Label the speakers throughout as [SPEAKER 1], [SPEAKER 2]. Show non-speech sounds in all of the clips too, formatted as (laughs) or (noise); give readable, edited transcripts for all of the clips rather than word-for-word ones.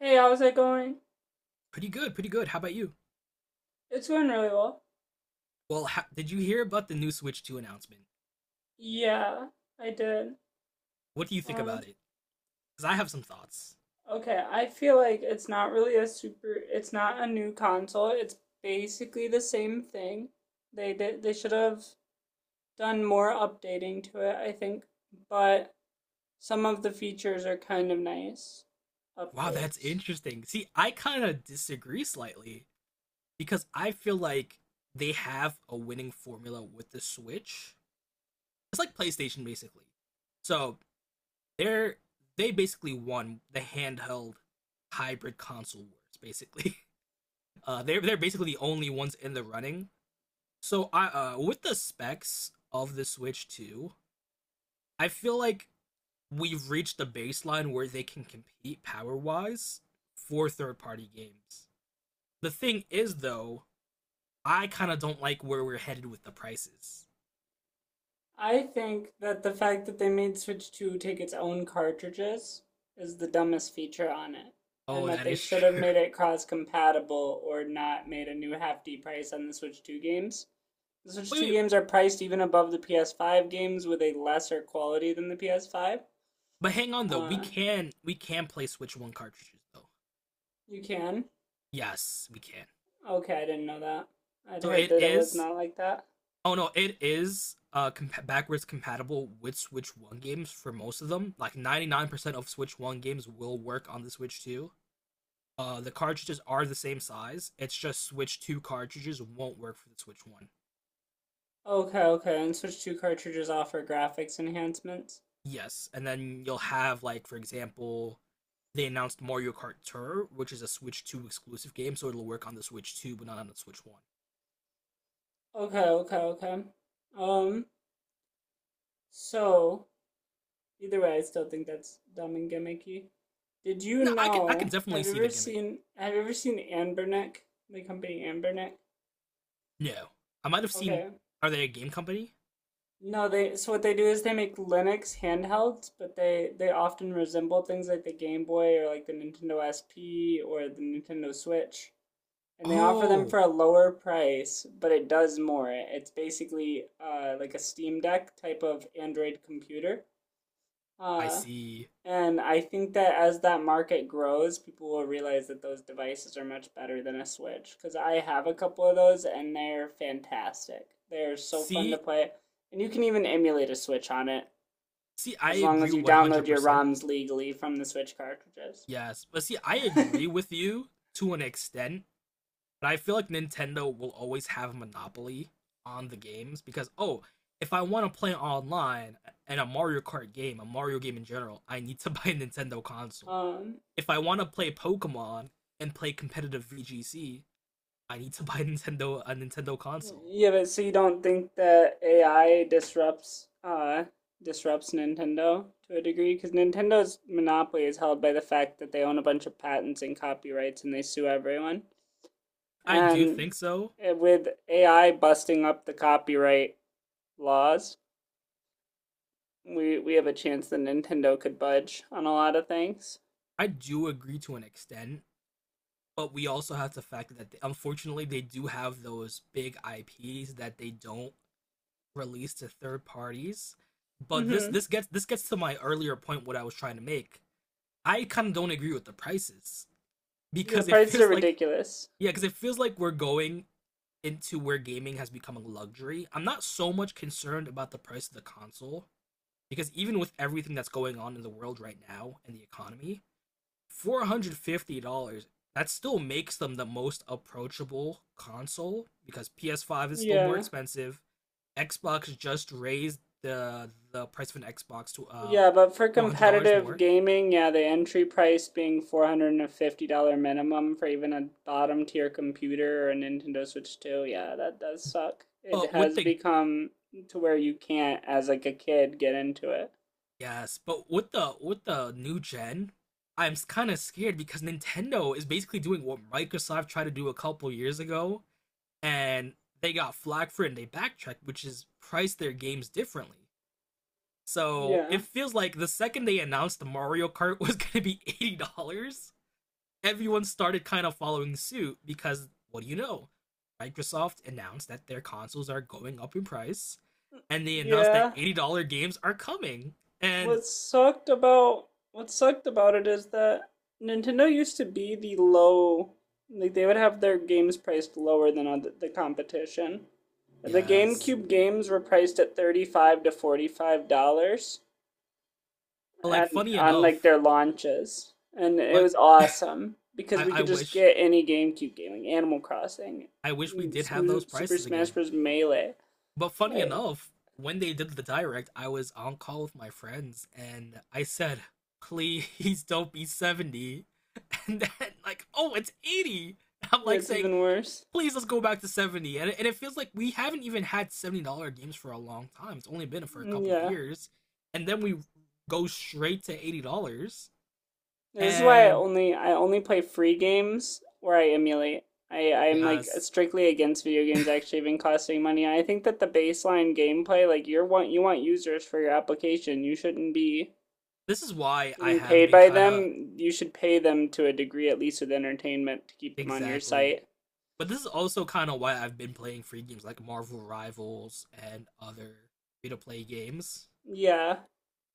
[SPEAKER 1] Hey, how's it going?
[SPEAKER 2] Pretty good, pretty good. How about you?
[SPEAKER 1] It's going really well.
[SPEAKER 2] Well, did you hear about the new Switch 2 announcement?
[SPEAKER 1] Yeah, I did.
[SPEAKER 2] What do you think
[SPEAKER 1] Um,
[SPEAKER 2] about it? Because I have some thoughts.
[SPEAKER 1] okay, I feel like it's not really a super, it's not a new console. It's basically the same thing. They did, they should have done more updating to it, I think, but some of the features are kind of nice
[SPEAKER 2] Wow, that's
[SPEAKER 1] upgrades.
[SPEAKER 2] interesting. See, I kind of disagree slightly because I feel like they have a winning formula with the Switch. It's like PlayStation basically. So, they're they basically won the handheld hybrid console wars basically. (laughs) They're basically the only ones in the running. So, I with the specs of the Switch 2, I feel like we've reached the baseline where they can compete power wise for third party games. The thing is, though, I kind of don't like where we're headed with the prices.
[SPEAKER 1] I think that the fact that they made Switch 2 take its own cartridges is the dumbest feature on it. And
[SPEAKER 2] Oh,
[SPEAKER 1] that
[SPEAKER 2] that
[SPEAKER 1] they
[SPEAKER 2] is
[SPEAKER 1] should have
[SPEAKER 2] true.
[SPEAKER 1] made it cross compatible or not made a new hefty price on the Switch 2 games. The
[SPEAKER 2] (laughs)
[SPEAKER 1] Switch
[SPEAKER 2] wait,
[SPEAKER 1] 2
[SPEAKER 2] wait,
[SPEAKER 1] games are priced even above the PS5 games with a lesser quality than the PS5.
[SPEAKER 2] but hang on though. We
[SPEAKER 1] Uh,
[SPEAKER 2] can we can play Switch One cartridges though.
[SPEAKER 1] you can?
[SPEAKER 2] Yes, we can.
[SPEAKER 1] Okay, I didn't know that. I'd
[SPEAKER 2] So
[SPEAKER 1] heard
[SPEAKER 2] it
[SPEAKER 1] that it was
[SPEAKER 2] is.
[SPEAKER 1] not like that.
[SPEAKER 2] Oh no, it is backwards compatible with Switch One games for most of them. Like 99% of Switch One games will work on the Switch Two. The cartridges are the same size. It's just Switch 2 cartridges won't work for the Switch 1.
[SPEAKER 1] Okay, okay, and Switch 2 cartridges offer graphics enhancements.
[SPEAKER 2] Yes. And then you'll have, like, for example, they announced Mario Kart Tour, which is a Switch 2 exclusive game, so it'll work on the Switch 2, but not on the Switch 1.
[SPEAKER 1] Okay, okay, okay. Um, so Either way, I still think that's dumb and gimmicky. Did you
[SPEAKER 2] No, I can
[SPEAKER 1] know?
[SPEAKER 2] definitely
[SPEAKER 1] Have you
[SPEAKER 2] see
[SPEAKER 1] ever
[SPEAKER 2] the gimmick.
[SPEAKER 1] seen? Have you ever seen Anbernic? The company Anbernic.
[SPEAKER 2] No. I might have seen.
[SPEAKER 1] Okay.
[SPEAKER 2] Are they a game company?
[SPEAKER 1] No, they. So what they do is they make Linux handhelds, but they often resemble things like the Game Boy or like the Nintendo SP or the Nintendo Switch, and they offer them
[SPEAKER 2] Oh,
[SPEAKER 1] for a lower price, but it does more. It's basically like a Steam Deck type of Android computer.
[SPEAKER 2] I
[SPEAKER 1] Uh,
[SPEAKER 2] see.
[SPEAKER 1] And I think that as that market grows, people will realize that those devices are much better than a Switch. Because I have a couple of those and they're fantastic. They're so fun to
[SPEAKER 2] See,
[SPEAKER 1] play. And you can even emulate a Switch on it
[SPEAKER 2] see, I
[SPEAKER 1] as long
[SPEAKER 2] agree
[SPEAKER 1] as you download your
[SPEAKER 2] 100%.
[SPEAKER 1] ROMs legally from the Switch cartridges.
[SPEAKER 2] Yes, but see I agree
[SPEAKER 1] (laughs)
[SPEAKER 2] with you to an extent. But I feel like Nintendo will always have a monopoly on the games because, oh, if I want to play online and a Mario Kart game, a Mario game in general, I need to (laughs) buy a Nintendo console.
[SPEAKER 1] um,
[SPEAKER 2] If I want to play Pokemon and play competitive VGC, I need to (laughs) buy Nintendo a Nintendo console.
[SPEAKER 1] yeah, but so you don't think that AI disrupts disrupts Nintendo to a degree because Nintendo's monopoly is held by the fact that they own a bunch of patents and copyrights and they sue everyone.
[SPEAKER 2] I do
[SPEAKER 1] and
[SPEAKER 2] think so.
[SPEAKER 1] uh, with AI busting up the copyright laws, we have a chance that Nintendo could budge on a lot of things.
[SPEAKER 2] I do agree to an extent, but we also have to factor that unfortunately they do have those big IPs that they don't released to third parties. But this
[SPEAKER 1] Mm-hmm.
[SPEAKER 2] this gets this gets to my earlier point what I was trying to make. I kind of don't agree with the prices
[SPEAKER 1] Yeah, the
[SPEAKER 2] because it
[SPEAKER 1] prices are
[SPEAKER 2] feels like
[SPEAKER 1] ridiculous.
[SPEAKER 2] yeah, because it feels like we're going into where gaming has become a luxury. I'm not so much concerned about the price of the console because even with everything that's going on in the world right now and the economy, $450 that still makes them the most approachable console because PS5 is still more
[SPEAKER 1] Yeah.
[SPEAKER 2] expensive. Xbox just raised the price of an Xbox to uh
[SPEAKER 1] Yeah, but for
[SPEAKER 2] to $100
[SPEAKER 1] competitive
[SPEAKER 2] more.
[SPEAKER 1] gaming, yeah, the entry price being $450 minimum for even a bottom tier computer or a Nintendo Switch 2, yeah, that does suck. It
[SPEAKER 2] But with
[SPEAKER 1] has
[SPEAKER 2] the
[SPEAKER 1] become to where you can't, as like a kid, get into it.
[SPEAKER 2] yes, but with the new gen, I'm kind of scared because Nintendo is basically doing what Microsoft tried to do a couple years ago, and they got flack for it and they backtracked, which is price their games differently. So
[SPEAKER 1] Yeah.
[SPEAKER 2] it feels like the second they announced the Mario Kart (laughs) was gonna be $80, everyone started kind of following suit because what do you know? Microsoft announced that their consoles are going up in price, and they announced that
[SPEAKER 1] Yeah.
[SPEAKER 2] $80 games are coming. And
[SPEAKER 1] What sucked about it is that Nintendo used to be the low like they would have their games priced lower than other, the competition. The
[SPEAKER 2] yes,
[SPEAKER 1] GameCube games were priced at 35 to $45
[SPEAKER 2] like
[SPEAKER 1] and
[SPEAKER 2] funny
[SPEAKER 1] on like
[SPEAKER 2] enough,
[SPEAKER 1] their launches and it
[SPEAKER 2] like
[SPEAKER 1] was
[SPEAKER 2] (laughs)
[SPEAKER 1] awesome because
[SPEAKER 2] I,
[SPEAKER 1] we
[SPEAKER 2] I
[SPEAKER 1] could just
[SPEAKER 2] wish
[SPEAKER 1] get any GameCube game like Animal Crossing,
[SPEAKER 2] I wish we did have those
[SPEAKER 1] Super
[SPEAKER 2] prices
[SPEAKER 1] Smash
[SPEAKER 2] again.
[SPEAKER 1] Bros melee.
[SPEAKER 2] But funny
[SPEAKER 1] Like
[SPEAKER 2] enough, when they did the direct, I was on call with my friends, and I said, "Please don't be 70" (laughs) And then like, oh, it's 80. I'm
[SPEAKER 1] yeah,
[SPEAKER 2] like
[SPEAKER 1] it's
[SPEAKER 2] saying,
[SPEAKER 1] even worse.
[SPEAKER 2] please let's go back to 70. And it feels like we haven't even had $70 games for a long time. It's only been for a
[SPEAKER 1] Mm,
[SPEAKER 2] couple of
[SPEAKER 1] yeah.
[SPEAKER 2] years, and then we go straight to $80.
[SPEAKER 1] This is why I
[SPEAKER 2] And
[SPEAKER 1] only I only play free games where I emulate. I'm like
[SPEAKER 2] yes,
[SPEAKER 1] strictly against video games actually even costing money. I think that the baseline gameplay, like you want users for your application. You shouldn't be
[SPEAKER 2] this is why I
[SPEAKER 1] getting
[SPEAKER 2] have
[SPEAKER 1] paid
[SPEAKER 2] been
[SPEAKER 1] by
[SPEAKER 2] kind of,
[SPEAKER 1] them. You should pay them to a degree at least with entertainment to keep them on your
[SPEAKER 2] exactly,
[SPEAKER 1] site.
[SPEAKER 2] but this is also kind of why I've been playing free games like Marvel Rivals and other free to play games.
[SPEAKER 1] Yeah,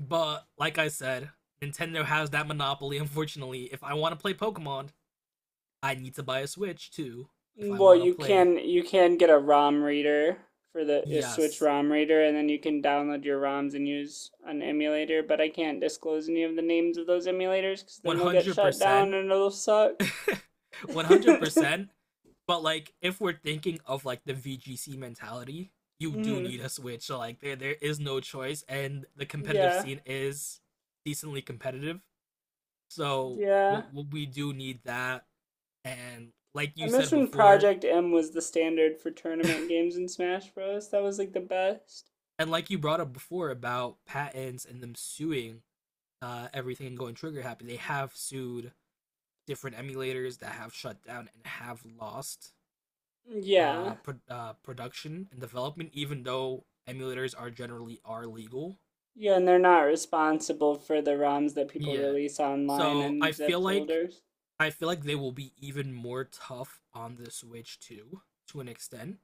[SPEAKER 2] But like I said, Nintendo has that monopoly. Unfortunately, if I want to play Pokemon, I need to buy a Switch too. If I
[SPEAKER 1] well,
[SPEAKER 2] want to
[SPEAKER 1] you
[SPEAKER 2] play,
[SPEAKER 1] can you can get a ROM reader for the a Switch
[SPEAKER 2] yes,
[SPEAKER 1] ROM reader, and then you can download your ROMs and use an emulator. But I can't disclose any of the names of those emulators because then they'll get shut down
[SPEAKER 2] 100%.
[SPEAKER 1] and it'll suck. (laughs)
[SPEAKER 2] 100%. (laughs) But like if we're thinking of like the VGC mentality, you do need
[SPEAKER 1] Hmm.
[SPEAKER 2] a switch. So like there is no choice, and the competitive
[SPEAKER 1] Yeah,
[SPEAKER 2] scene is decently competitive. So
[SPEAKER 1] yeah.
[SPEAKER 2] we do need that, and like
[SPEAKER 1] I
[SPEAKER 2] you
[SPEAKER 1] miss
[SPEAKER 2] said
[SPEAKER 1] when
[SPEAKER 2] before,
[SPEAKER 1] Project M was the standard for tournament games in Smash Bros. That was like the best.
[SPEAKER 2] and like you brought up before about patents and them suing everything and going trigger happy, they have sued different emulators that have shut down and have lost
[SPEAKER 1] Yeah.
[SPEAKER 2] production and development, even though emulators are generally are legal.
[SPEAKER 1] Yeah, and they're not responsible for the ROMs that people
[SPEAKER 2] Yeah.
[SPEAKER 1] release online
[SPEAKER 2] So I
[SPEAKER 1] and zip
[SPEAKER 2] feel like
[SPEAKER 1] folders.
[SPEAKER 2] I feel like they will be even more tough on the Switch too, to an extent.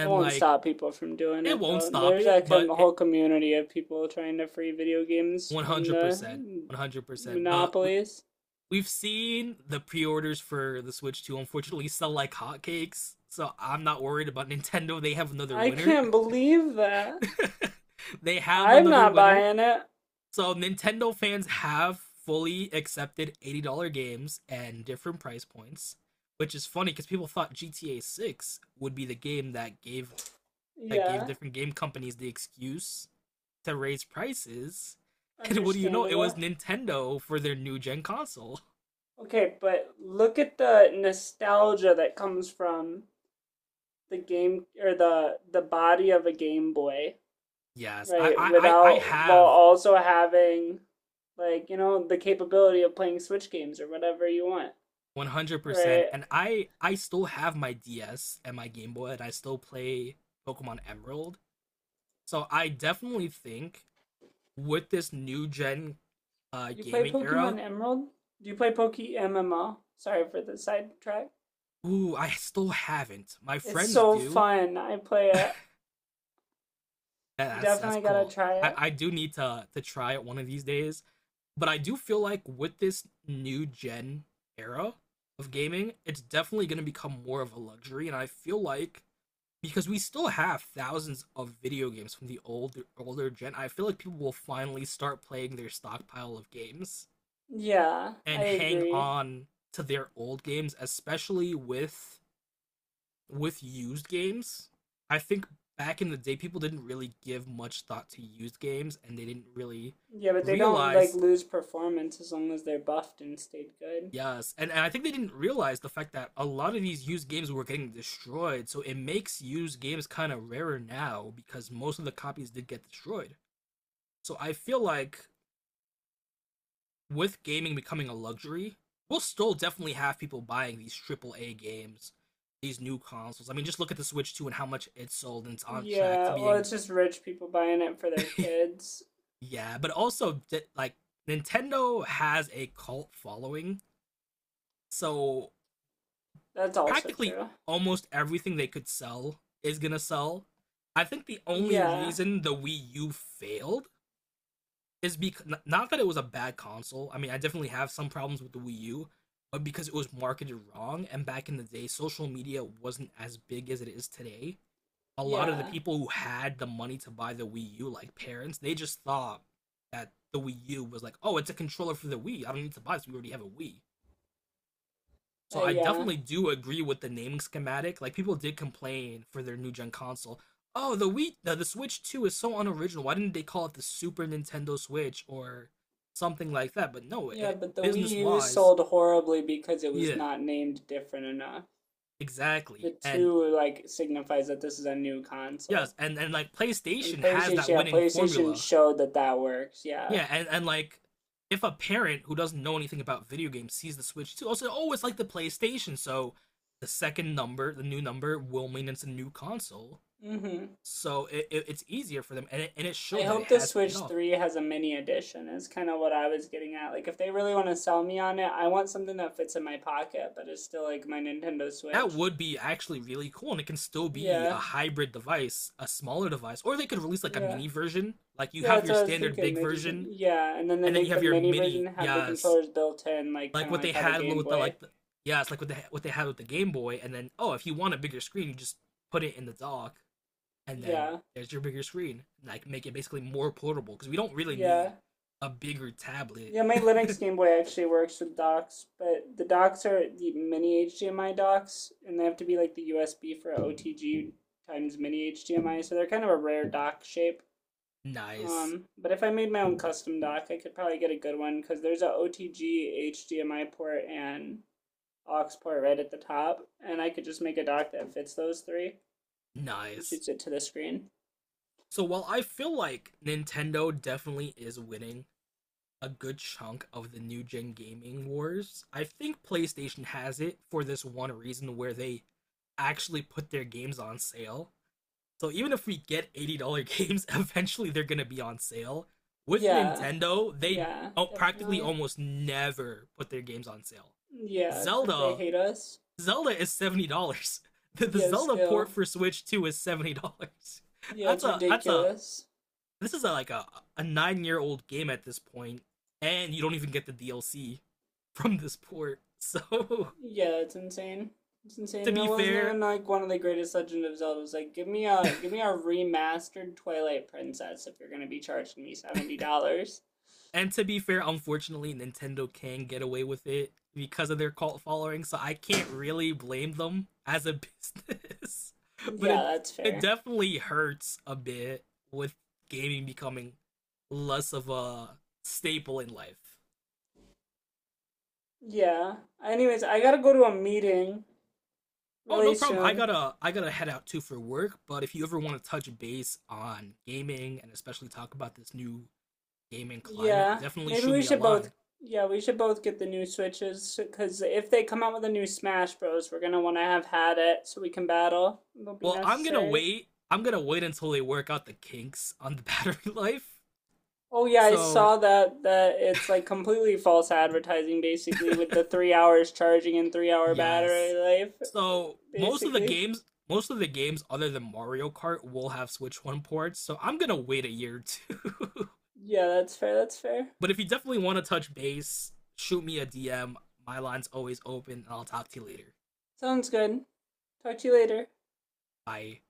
[SPEAKER 1] It won't
[SPEAKER 2] like
[SPEAKER 1] stop people from doing
[SPEAKER 2] it
[SPEAKER 1] it
[SPEAKER 2] won't
[SPEAKER 1] though.
[SPEAKER 2] stop
[SPEAKER 1] There's a
[SPEAKER 2] it, but it
[SPEAKER 1] whole community of people trying to free video games from the
[SPEAKER 2] 100%, 100%. But we,
[SPEAKER 1] monopolies.
[SPEAKER 2] we've seen the pre-orders for the Switch 2 unfortunately sell like hotcakes. So I'm not worried about (laughs) Nintendo. They have another
[SPEAKER 1] I
[SPEAKER 2] winner.
[SPEAKER 1] can't believe that.
[SPEAKER 2] (laughs) They have
[SPEAKER 1] I'm
[SPEAKER 2] another
[SPEAKER 1] not
[SPEAKER 2] winner.
[SPEAKER 1] buying it.
[SPEAKER 2] So Nintendo fans have fully accepted $80 games and different price points, which is funny because people thought GTA 6 would be the game that gave, that gave
[SPEAKER 1] Yeah,
[SPEAKER 2] different game companies the excuse to raise prices. (laughs) And what do you know? It was
[SPEAKER 1] understandable.
[SPEAKER 2] Nintendo for their new gen console.
[SPEAKER 1] Okay, but look at the nostalgia that comes from the game or the body of a Game Boy,
[SPEAKER 2] Yes, I
[SPEAKER 1] right?
[SPEAKER 2] I I I
[SPEAKER 1] Without while
[SPEAKER 2] have
[SPEAKER 1] also having like, you know, the capability of playing Switch games or whatever you want,
[SPEAKER 2] 100%,
[SPEAKER 1] right?
[SPEAKER 2] and I still have my DS and my Game Boy, and I still play Pokemon Emerald. So I definitely think with this new gen
[SPEAKER 1] You play
[SPEAKER 2] gaming era.
[SPEAKER 1] Pokemon Emerald? Do you play Poke MMO? Sorry for the sidetrack.
[SPEAKER 2] Ooh, I still haven't. My
[SPEAKER 1] It's
[SPEAKER 2] friends
[SPEAKER 1] so
[SPEAKER 2] do.
[SPEAKER 1] fun. I play it. You
[SPEAKER 2] That's
[SPEAKER 1] definitely gotta
[SPEAKER 2] cool.
[SPEAKER 1] try
[SPEAKER 2] I,
[SPEAKER 1] it.
[SPEAKER 2] I do need to try it one of these days. But I do feel like with this new gen era of gaming, it's definitely gonna become more of a luxury. And I feel like because we still have thousands of video games from the older gen, I feel like people will finally start playing their stockpile of games
[SPEAKER 1] Yeah, I
[SPEAKER 2] and hang
[SPEAKER 1] agree.
[SPEAKER 2] on to their old games, especially with used games. I think back in the day people didn't really give much thought to used games, and they didn't really
[SPEAKER 1] Yeah, but they don't like
[SPEAKER 2] realize
[SPEAKER 1] lose performance as long as they're buffed and stayed good.
[SPEAKER 2] yes and, and I think they didn't realize the fact that a lot of these used games were getting destroyed, so it makes used games kind of rarer now because most of the copies did get destroyed. So I feel like with gaming becoming a luxury, we'll still definitely have people buying these triple A games, these new consoles. I mean, just look at the Switch 2 and how much it sold, and it's on track to
[SPEAKER 1] Yeah, well,
[SPEAKER 2] being
[SPEAKER 1] it's just rich people buying it for their
[SPEAKER 2] (laughs)
[SPEAKER 1] kids.
[SPEAKER 2] Yeah, but also like Nintendo has a cult following, so
[SPEAKER 1] That's also
[SPEAKER 2] practically
[SPEAKER 1] true.
[SPEAKER 2] almost everything they could sell is gonna sell. I think the only
[SPEAKER 1] Yeah,
[SPEAKER 2] reason the Wii U failed is because, not that it was a bad console. I mean, I definitely have some problems with the Wii U, but because it was marketed wrong, and back in the day, social media wasn't as big as it is today. A lot of the
[SPEAKER 1] yeah,
[SPEAKER 2] people who had the money to buy the Wii U, like parents, they just thought that the Wii U was like, oh, it's a controller for the Wii. I don't need to buy this. We already have a Wii. So I
[SPEAKER 1] yeah,
[SPEAKER 2] definitely do agree with the naming schematic. Like people did complain for their new gen console. Oh, the Wii, the Switch 2 is so unoriginal. Why didn't they call it the Super Nintendo Switch or something like that? But no,
[SPEAKER 1] yeah.
[SPEAKER 2] it,
[SPEAKER 1] But the Wii
[SPEAKER 2] business
[SPEAKER 1] U
[SPEAKER 2] wise,
[SPEAKER 1] sold horribly because it was
[SPEAKER 2] yeah,
[SPEAKER 1] not named different enough. The
[SPEAKER 2] exactly. And
[SPEAKER 1] two like signifies that this is a new console.
[SPEAKER 2] yes, and like
[SPEAKER 1] And
[SPEAKER 2] PlayStation has
[SPEAKER 1] PlayStation,
[SPEAKER 2] that
[SPEAKER 1] yeah,
[SPEAKER 2] winning
[SPEAKER 1] PlayStation
[SPEAKER 2] formula.
[SPEAKER 1] showed that that works. Yeah.
[SPEAKER 2] Yeah, and like if a parent who doesn't know anything about video games sees the Switch too, also, oh, it's like the PlayStation, so the second number, the new number, will mean it's a new console.
[SPEAKER 1] Mhm.
[SPEAKER 2] So it's easier for them, and it
[SPEAKER 1] I
[SPEAKER 2] showed that it
[SPEAKER 1] hope the
[SPEAKER 2] has paid
[SPEAKER 1] Switch
[SPEAKER 2] off.
[SPEAKER 1] 3 has a mini edition. Is kind of what I was getting at. Like if they really want to sell me on it, I want something that fits in my pocket but is still like my Nintendo
[SPEAKER 2] That
[SPEAKER 1] Switch.
[SPEAKER 2] would be actually really cool, and it can still be a
[SPEAKER 1] Yeah.
[SPEAKER 2] hybrid device, a smaller device, or they could release like a
[SPEAKER 1] Yeah.
[SPEAKER 2] mini version. Like you
[SPEAKER 1] Yeah,
[SPEAKER 2] have
[SPEAKER 1] that's
[SPEAKER 2] your
[SPEAKER 1] what I was
[SPEAKER 2] standard
[SPEAKER 1] thinking.
[SPEAKER 2] big
[SPEAKER 1] They just
[SPEAKER 2] version,
[SPEAKER 1] yeah, and then they
[SPEAKER 2] and then you
[SPEAKER 1] make the
[SPEAKER 2] have your
[SPEAKER 1] mini version
[SPEAKER 2] mini.
[SPEAKER 1] have the
[SPEAKER 2] Yes,
[SPEAKER 1] controllers built in like kind
[SPEAKER 2] like
[SPEAKER 1] of
[SPEAKER 2] what
[SPEAKER 1] like
[SPEAKER 2] they
[SPEAKER 1] how the
[SPEAKER 2] had
[SPEAKER 1] Game
[SPEAKER 2] with the
[SPEAKER 1] Boy.
[SPEAKER 2] like the, yeah, it's like what they had with the Game Boy, and then, oh, if you want a bigger screen, you just put it in the dock, and then
[SPEAKER 1] Yeah.
[SPEAKER 2] there's your bigger screen. Like make it basically more portable because we don't really
[SPEAKER 1] Yeah.
[SPEAKER 2] need a bigger tablet.
[SPEAKER 1] Yeah, my Linux Game Boy actually works with docks, but the docks are the mini HDMI docks, and they have to be like the USB for OTG times mini HDMI, so they're kind of a rare dock shape.
[SPEAKER 2] (laughs) Nice,
[SPEAKER 1] But if I made my own custom dock, I could probably get a good one because there's a OTG HDMI port and aux port right at the top, and I could just make a dock that fits those three and
[SPEAKER 2] nice.
[SPEAKER 1] shoots it to the screen.
[SPEAKER 2] So while I feel like Nintendo definitely is winning a good chunk of the new gen gaming wars, I think PlayStation has it for this one reason where they actually put their games on sale. So even if we get $80 (laughs) games, eventually they're going to be on sale. With
[SPEAKER 1] Yeah,
[SPEAKER 2] Nintendo, they,
[SPEAKER 1] yeah,
[SPEAKER 2] oh, practically
[SPEAKER 1] definitely.
[SPEAKER 2] almost never put their games on sale.
[SPEAKER 1] Yeah, because they
[SPEAKER 2] Zelda,
[SPEAKER 1] hate us.
[SPEAKER 2] Zelda is $70. (laughs) The
[SPEAKER 1] Yeah,
[SPEAKER 2] Zelda port
[SPEAKER 1] still.
[SPEAKER 2] for Switch 2 is $70. (laughs)
[SPEAKER 1] Yeah,
[SPEAKER 2] That's
[SPEAKER 1] it's
[SPEAKER 2] a, that's a,
[SPEAKER 1] ridiculous.
[SPEAKER 2] this is, like, a 9-year-old game at this point, and you don't even get the DLC from this port. (laughs)
[SPEAKER 1] Yeah, it's insane. It's insane,
[SPEAKER 2] To
[SPEAKER 1] and it
[SPEAKER 2] be
[SPEAKER 1] wasn't even
[SPEAKER 2] fair,
[SPEAKER 1] like one of the greatest Legend of Zeldas. It was like, give me a remastered Twilight Princess if you're gonna be charging me $70.
[SPEAKER 2] And to be fair, unfortunately, Nintendo can get away with it because of their cult following, so I can't really blame them as a business. (laughs) But
[SPEAKER 1] Yeah,
[SPEAKER 2] it
[SPEAKER 1] that's
[SPEAKER 2] it
[SPEAKER 1] fair.
[SPEAKER 2] definitely hurts a bit with gaming becoming less of a staple in life.
[SPEAKER 1] Yeah. Anyways, I gotta go to a meeting
[SPEAKER 2] Oh,
[SPEAKER 1] really
[SPEAKER 2] no problem. I
[SPEAKER 1] soon.
[SPEAKER 2] gotta I gotta head out too for work, but if you ever want to touch base on gaming and especially talk about this new gaming climate,
[SPEAKER 1] Yeah,
[SPEAKER 2] definitely
[SPEAKER 1] maybe
[SPEAKER 2] shoot
[SPEAKER 1] we
[SPEAKER 2] me a
[SPEAKER 1] should both.
[SPEAKER 2] line.
[SPEAKER 1] Yeah, we should both get the new switches because if they come out with a new Smash Bros, we're gonna want to have had it so we can battle. It'll be
[SPEAKER 2] Well, I'm gonna
[SPEAKER 1] necessary.
[SPEAKER 2] wait. I'm gonna wait until they work out the kinks on the (laughs) battery life.
[SPEAKER 1] Oh yeah, I
[SPEAKER 2] So
[SPEAKER 1] saw that it's like completely false advertising basically with the 3 hours charging and 3 hour battery
[SPEAKER 2] yes.
[SPEAKER 1] life
[SPEAKER 2] So most of the
[SPEAKER 1] basically.
[SPEAKER 2] games, most of the games other than Mario Kart will have Switch One ports. So I'm gonna wait a year or two.
[SPEAKER 1] Yeah, that's fair, that's fair.
[SPEAKER 2] (laughs) But if you definitely want to touch base, shoot me a DM. My line's always open, and I'll talk to you later.
[SPEAKER 1] Sounds good. Talk to you later.
[SPEAKER 2] Bye.